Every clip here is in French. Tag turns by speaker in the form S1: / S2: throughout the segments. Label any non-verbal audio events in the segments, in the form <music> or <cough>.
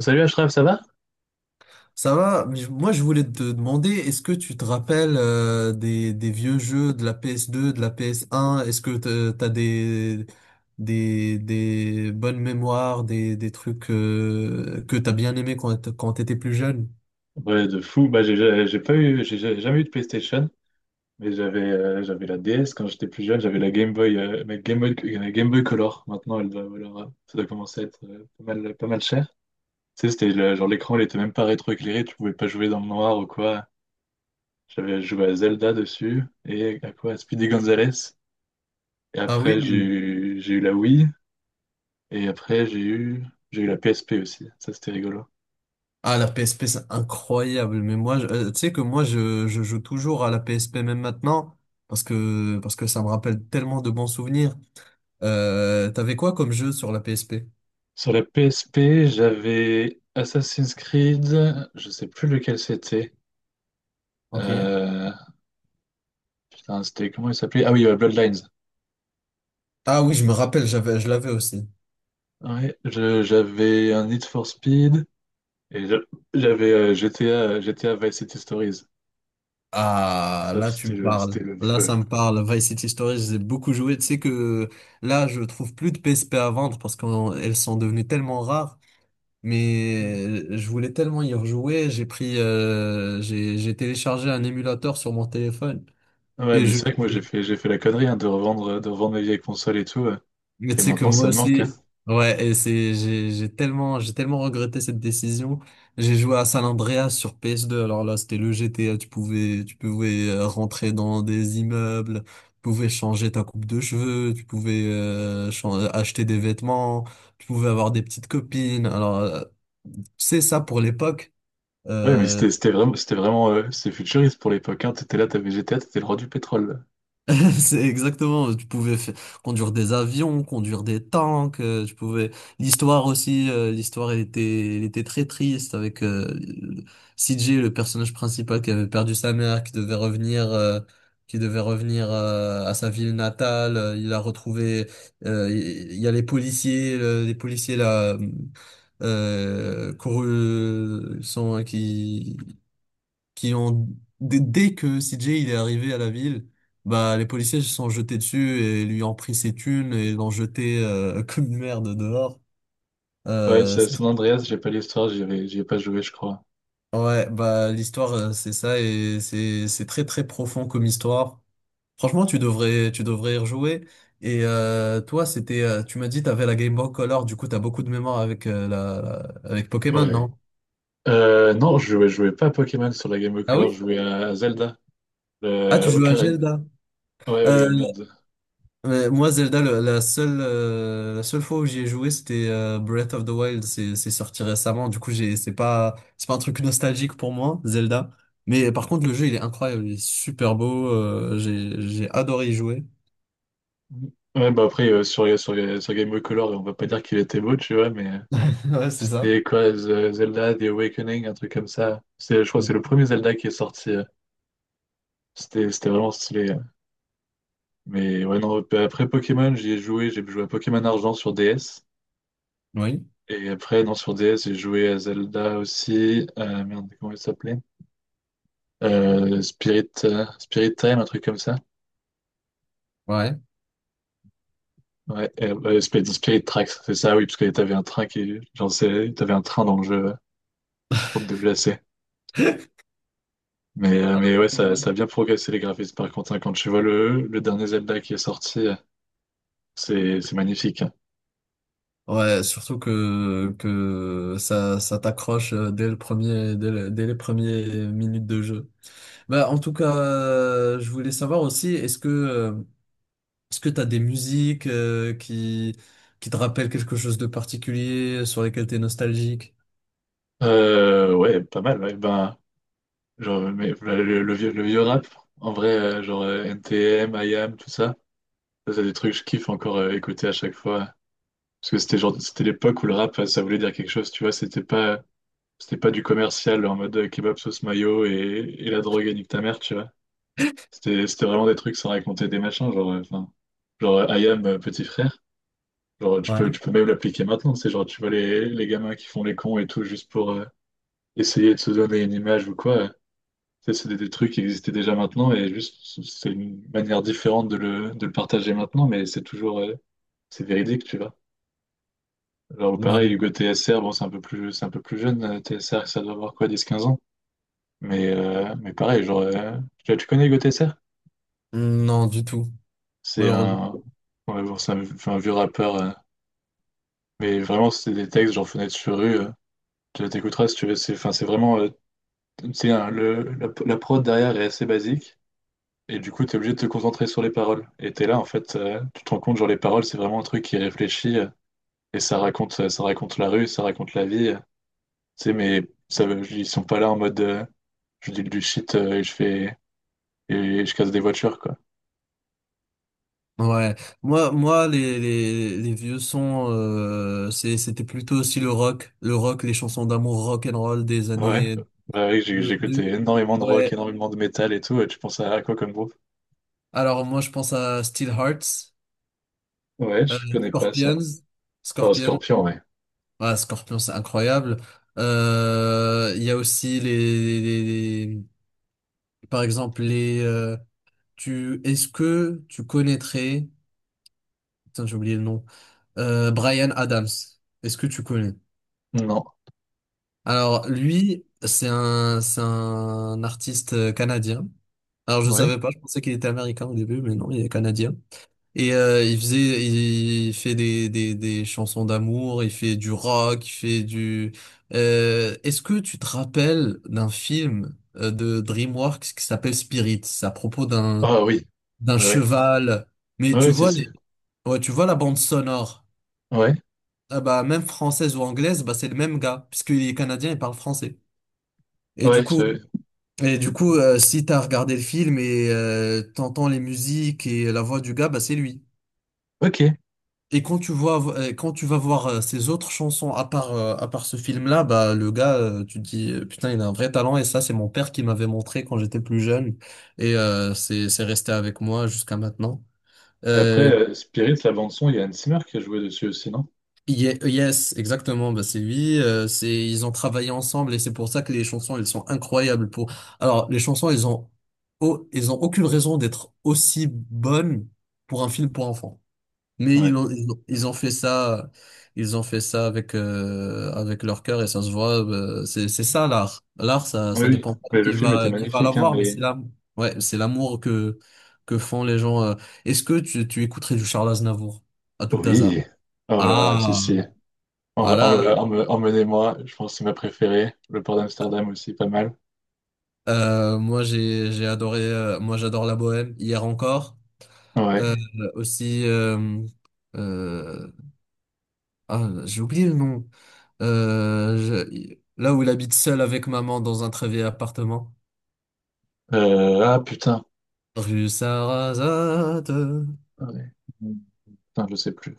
S1: Salut Ashraf, ça va?
S2: Ça va, mais moi je voulais te demander, est-ce que tu te rappelles des vieux jeux de la PS2, de la PS1? Est-ce que t'as des bonnes mémoires, des trucs que t'as bien aimé quand t'étais plus jeune?
S1: Ouais, de fou. Bah, j'ai pas eu, j'ai jamais eu de PlayStation, mais j'avais j'avais la DS quand j'étais plus jeune, j'avais la Game Boy, ma Game Boy, la Game Boy Color. Maintenant, elle doit valoir, ça doit commencer à être pas mal, pas mal cher. Tu sais, genre l'écran, il était même pas rétroéclairé, tu pouvais pas jouer dans le noir ou quoi. J'avais joué à Zelda dessus et à quoi? À Speedy Gonzales. Et
S2: Ah oui?
S1: après, j'ai eu la Wii et après, j'ai eu la PSP aussi. Ça, c'était rigolo.
S2: Ah, la PSP c'est incroyable, mais moi tu sais que moi je joue toujours à la PSP même maintenant parce que ça me rappelle tellement de bons souvenirs. T'avais quoi comme jeu sur la PSP?
S1: Sur la PSP, j'avais Assassin's Creed, je sais plus lequel c'était.
S2: Ok.
S1: Euh, Putain, c'était comment il s'appelait? Ah oui, Bloodlines.
S2: Ah oui, je me rappelle, j'avais, je l'avais aussi.
S1: J'avais un Need for Speed et je- j'avais GTA, GTA Vice City Stories.
S2: Ah,
S1: Ça,
S2: là, tu me parles.
S1: c'était le
S2: Là,
S1: feu.
S2: ça me parle. Vice City Stories, j'ai beaucoup joué. Tu sais que là, je trouve plus de PSP à vendre parce qu'elles sont devenues tellement rares. Mais je voulais tellement y rejouer. J'ai téléchargé un émulateur sur mon téléphone
S1: Ouais,
S2: et
S1: mais
S2: je,
S1: c'est vrai que moi j'ai fait la connerie, hein, de revendre mes vieilles consoles et tout.
S2: mais
S1: Et
S2: tu sais que
S1: maintenant,
S2: moi
S1: ça me manque. Hein.
S2: aussi, ouais, j'ai tellement regretté cette décision. J'ai joué à San Andreas sur PS2. Alors là, c'était le GTA. Tu pouvais rentrer dans des immeubles, tu pouvais changer ta coupe de cheveux, tu pouvais acheter des vêtements, tu pouvais avoir des petites copines. Alors, c'est ça pour l'époque.
S1: Ouais, mais
S2: euh,
S1: c'était vraiment, c'était vraiment, c'est futuriste pour l'époque. Hein. T'étais là, t'avais GTA, t'étais le roi du pétrole.
S2: <laughs> C'est exactement, tu pouvais conduire des avions, conduire des tanks, tu pouvais. L'histoire aussi, l'histoire elle était très triste avec CJ, le personnage principal qui avait perdu sa mère, qui devait revenir à sa ville natale. Il a retrouvé, il y a les policiers, les policiers là, courus, sont hein, qui ont dès que CJ il est arrivé à la ville, bah les policiers se sont jetés dessus et lui ont pris ses thunes et l'ont jeté <laughs> comme une merde dehors.
S1: Ouais,
S2: Euh,
S1: c'est à
S2: c'est-
S1: San Andreas, j'ai pas l'histoire, j'ai pas joué, je crois.
S2: ouais, bah l'histoire c'est ça et c'est très très profond comme histoire. Franchement, tu devrais y rejouer. Toi, c'était tu m'as dit t'avais la Game Boy Color, du coup t'as beaucoup de mémoire avec avec Pokémon,
S1: Ouais.
S2: non?
S1: Non, je jouais pas à Pokémon sur la Game Boy
S2: Ah
S1: Color, je
S2: oui?
S1: jouais à Zelda.
S2: Ah,
S1: Le
S2: tu joues à
S1: Ocarina.
S2: Zelda.
S1: Ouais,
S2: Euh,
S1: ouais, ouais, merde.
S2: Ouais, moi, Zelda, la seule fois où j'y ai joué, c'était Breath of the Wild. C'est sorti récemment. C'est pas un truc nostalgique pour moi, Zelda. Mais par contre, le jeu, il est incroyable. Il est super beau. J'ai adoré y jouer.
S1: Ouais, bah après, sur Game Boy Color, on va pas dire qu'il était beau, tu vois, mais
S2: <laughs> Ouais, c'est ça.
S1: c'était quoi, Zelda, The Awakening, un truc comme ça. C'est, je crois que c'est
S2: Ouais.
S1: le premier Zelda qui est sorti. C'était c'était vraiment stylé. Hein. Mais ouais, non, bah, après Pokémon, j'y ai joué. J'ai joué à Pokémon Argent sur DS.
S2: Oui.
S1: Et après, non, sur DS, j'ai joué à Zelda aussi. Merde, comment il s'appelait? Spirit Time, un truc comme ça.
S2: Ouais.
S1: Spirit Tracks, c'est ça, oui, parce que t'avais un train qui, genre, t'avais un train dans le jeu pour te déplacer. Mais ouais,
S2: Ouais,
S1: ça a bien progressé les graphismes. Par contre, hein, quand tu vois le dernier Zelda qui est sorti, c'est magnifique. Hein.
S2: ouais, surtout que, que ça t'accroche dès le premier, dès les premières minutes de jeu. Bah, en tout cas, je voulais savoir aussi, est-ce que t'as des musiques qui te rappellent quelque chose de particulier, sur lesquelles t'es nostalgique?
S1: Ouais, pas mal. Ouais. Ben, genre, mais, le vieux, le vieux rap, en vrai, NTM, MIAM, tout ça, ça, c'est des trucs que je kiffe encore écouter à chaque fois. Parce que c'était genre, c'était l'époque où le rap, ça voulait dire quelque chose, tu vois. C'était pas du commercial en mode kebab sauce mayo et la drogue et nique ta mère, tu vois. C'était c'était vraiment des trucs sans raconter des machins, genre, enfin, I am petit frère. Genre,
S2: Ouais.
S1: tu peux même l'appliquer maintenant, c'est genre, tu vois les gamins qui font les cons et tout, juste pour essayer de se donner une image ou quoi. Ça, c'est des trucs qui existaient déjà maintenant et juste, c'est une manière différente de de le partager maintenant, mais c'est toujours, c'est véridique, tu vois. Genre, pareil,
S2: Ouais.
S1: Hugo TSR, bon, c'est un peu plus jeune, TSR, ça doit avoir quoi, 10 15 ans. Mais pareil, genre, tu connais Hugo TSR?
S2: Non, du tout,
S1: C'est
S2: malheureusement.
S1: un, ouais, bon, c'est un, enfin, un vieux rappeur. Mais vraiment, c'est des textes genre Fenêtre sur rue. Tu t'écouteras si tu veux. C'est enfin, c'est vraiment, tu sais, hein, la prod derrière est assez basique. Et du coup, t'es obligé de te concentrer sur les paroles. Et t'es là, en fait, tu te rends compte, genre, les paroles, c'est vraiment un truc qui est réfléchi. Et ça raconte la rue, ça raconte la vie. Tu sais, mais ils sont pas là en mode, je dis du shit et je fais. Et je casse des voitures, quoi.
S2: Ouais. Moi, les vieux sons, c'était plutôt aussi le rock, les chansons d'amour rock and roll des
S1: Ouais.
S2: années
S1: Bah oui,
S2: de,
S1: j'écoutais
S2: du-
S1: énormément de rock,
S2: ouais.
S1: énormément de métal et tout. Et tu penses à quoi comme groupe?
S2: Alors moi, je pense à Steel Hearts,
S1: Ouais,
S2: euh,
S1: je connais pas ça.
S2: Scorpions,
S1: Oh,
S2: Scorpions.
S1: Scorpion, ouais.
S2: Ah, Scorpions, c'est incroyable. Il y a aussi par exemple, est-ce que tu connaîtrais, putain, j'ai oublié le nom, Brian Adams. Est-ce que tu connais?
S1: Non.
S2: Alors, lui, c'est un artiste canadien. Alors, je
S1: Ouais.
S2: savais pas, je pensais qu'il était américain au début, mais non, il est canadien. Et il fait des chansons d'amour, il fait du rock, il fait du. Est-ce que tu te rappelles d'un film de DreamWorks qui s'appelle Spirit? C'est à propos d'un
S1: Ah oui,
S2: d'un
S1: ouais, ouais,
S2: cheval. Mais
S1: ouais,
S2: tu
S1: ouais, c'est,
S2: vois, les. Ouais, tu vois la bande sonore.
S1: ouais,
S2: Ah bah, même française ou anglaise, bah, c'est le même gars, puisqu'il est canadien, il parle français. Et du
S1: ouais,
S2: coup, et du coup, si t'as regardé le film et t'entends les musiques et la voix du gars, bah, c'est lui.
S1: ok.
S2: Et quand tu vas voir ses autres chansons à part ce film-là, bah, le gars, tu te dis, putain, il a un vrai talent et ça, c'est mon père qui m'avait montré quand j'étais plus jeune. Et c'est resté avec moi jusqu'à maintenant.
S1: Mais après,
S2: Euh,
S1: Spirit, la bande son, il y a Hans Zimmer qui a joué dessus aussi, non?
S2: Yes, exactement, bah c'est lui, c'est ils ont travaillé ensemble et c'est pour ça que les chansons elles sont incroyables. Pour alors les chansons elles ont aucune raison d'être aussi bonnes pour un film pour enfants. Mais
S1: Ouais.
S2: ils ont fait ça avec leur cœur et ça se voit. C'est ça l'art. L'art, ça
S1: Oui,
S2: ça
S1: oui.
S2: dépend pas
S1: Mais le
S2: qui
S1: film était
S2: va qui va
S1: magnifique, hein,
S2: l'avoir, mais c'est
S1: mais...
S2: l'amour. Ouais, c'est l'amour que font les gens. Est-ce que tu écouterais du Charles Aznavour à tout hasard?
S1: Oui. Oh là là, si,
S2: Ah.
S1: si.
S2: Voilà,
S1: Emmenez-moi, je pense que c'est ma préférée. Le port d'Amsterdam aussi, pas mal.
S2: moi j'ai adoré, moi j'adore la bohème, hier encore. Euh,
S1: Ouais.
S2: Aussi, euh, j'ai oublié le nom. Là où il habite seul avec maman dans un très vieil appartement.
S1: Putain.
S2: Rue Sarrazate.
S1: Ouais. Putain, je sais plus.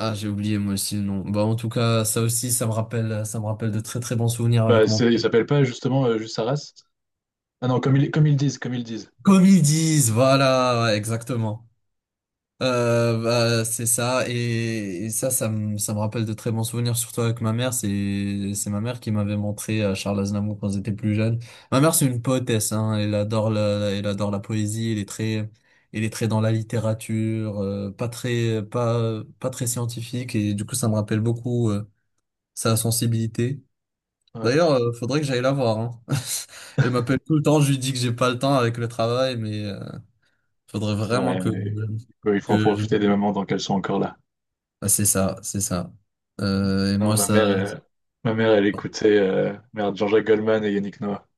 S2: Ah, j'ai oublié moi aussi le nom. Bah, en tout cas, ça aussi, ça me rappelle de très très bons souvenirs
S1: Bah,
S2: avec mon
S1: il
S2: père.
S1: s'appelle pas justement juste Arras? Ah non, comme ils disent, comme ils disent.
S2: Comme ils disent, voilà, ouais, exactement. Bah, c'est ça, et ça me rappelle de très bons souvenirs, surtout avec ma mère. C'est ma mère qui m'avait montré Charles Aznavour quand j'étais plus jeune. Ma mère, c'est une poétesse, hein, elle adore la poésie. Elle est très dans la littérature, pas très scientifique, et du coup ça me rappelle beaucoup sa sensibilité.
S1: Ouais.
S2: D'ailleurs, faudrait que j'aille la voir, hein. <laughs> Elle m'appelle tout le temps, je lui dis que j'ai pas le temps avec le travail, mais faudrait vraiment
S1: Ouais,
S2: que
S1: mais il faut en profiter
S2: que
S1: des moments dans qu'elles sont encore là.
S2: ah, c'est ça, c'est ça. Et
S1: Non,
S2: moi, ça.
S1: ma mère, elle écoutait merde, Jean-Jacques Goldman et Yannick Noah.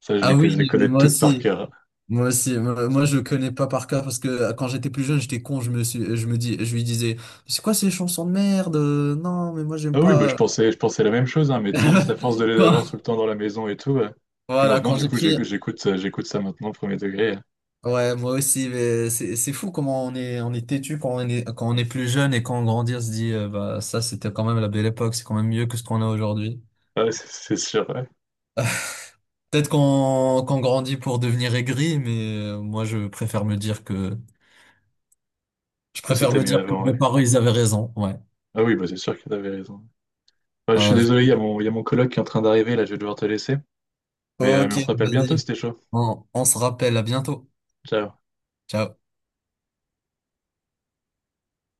S1: Ça,
S2: Ah oui,
S1: je les
S2: mais
S1: connais
S2: moi
S1: toutes par
S2: aussi.
S1: cœur.
S2: Moi aussi. Je connais pas par cœur parce que quand j'étais plus jeune, j'étais con. Je me suis, je me dis, je lui disais, c'est quoi ces chansons de merde? Non, mais moi, j'aime
S1: Ah oui, bah,
S2: pas.
S1: je pensais la même chose, hein, mais tu sais, juste à force de les
S2: <laughs>
S1: avoir tout
S2: Quand-
S1: le temps dans la maison et tout. Puis
S2: Voilà,
S1: maintenant,
S2: quand
S1: du
S2: j'ai
S1: coup,
S2: pris.
S1: j'écoute ça maintenant, premier degré.
S2: Ouais, moi aussi, mais c'est fou comment on est têtu quand on est plus jeune, et quand on grandit, on se dit, bah, ça, c'était quand même la belle époque. C'est quand même mieux que ce qu'on a aujourd'hui.
S1: Ouais, <laughs> c'est sûr, ouais,
S2: Peut-être qu'on grandit pour devenir aigri, mais moi je préfère me dire que je
S1: que
S2: préfère
S1: c'était
S2: me
S1: mieux
S2: dire que
S1: avant,
S2: mes
S1: ouais.
S2: parents ils avaient raison. Ouais.
S1: Ah oui, bah, c'est sûr que t'avais raison. Ouais, je suis
S2: Euh, je-
S1: désolé, il y a il y a mon coloc qui est en train d'arriver, là, je vais devoir te laisser. Mais
S2: Ok,
S1: on se rappelle bientôt,
S2: vas-y.
S1: c'était chaud.
S2: On se rappelle. À bientôt.
S1: Ciao.
S2: Ciao.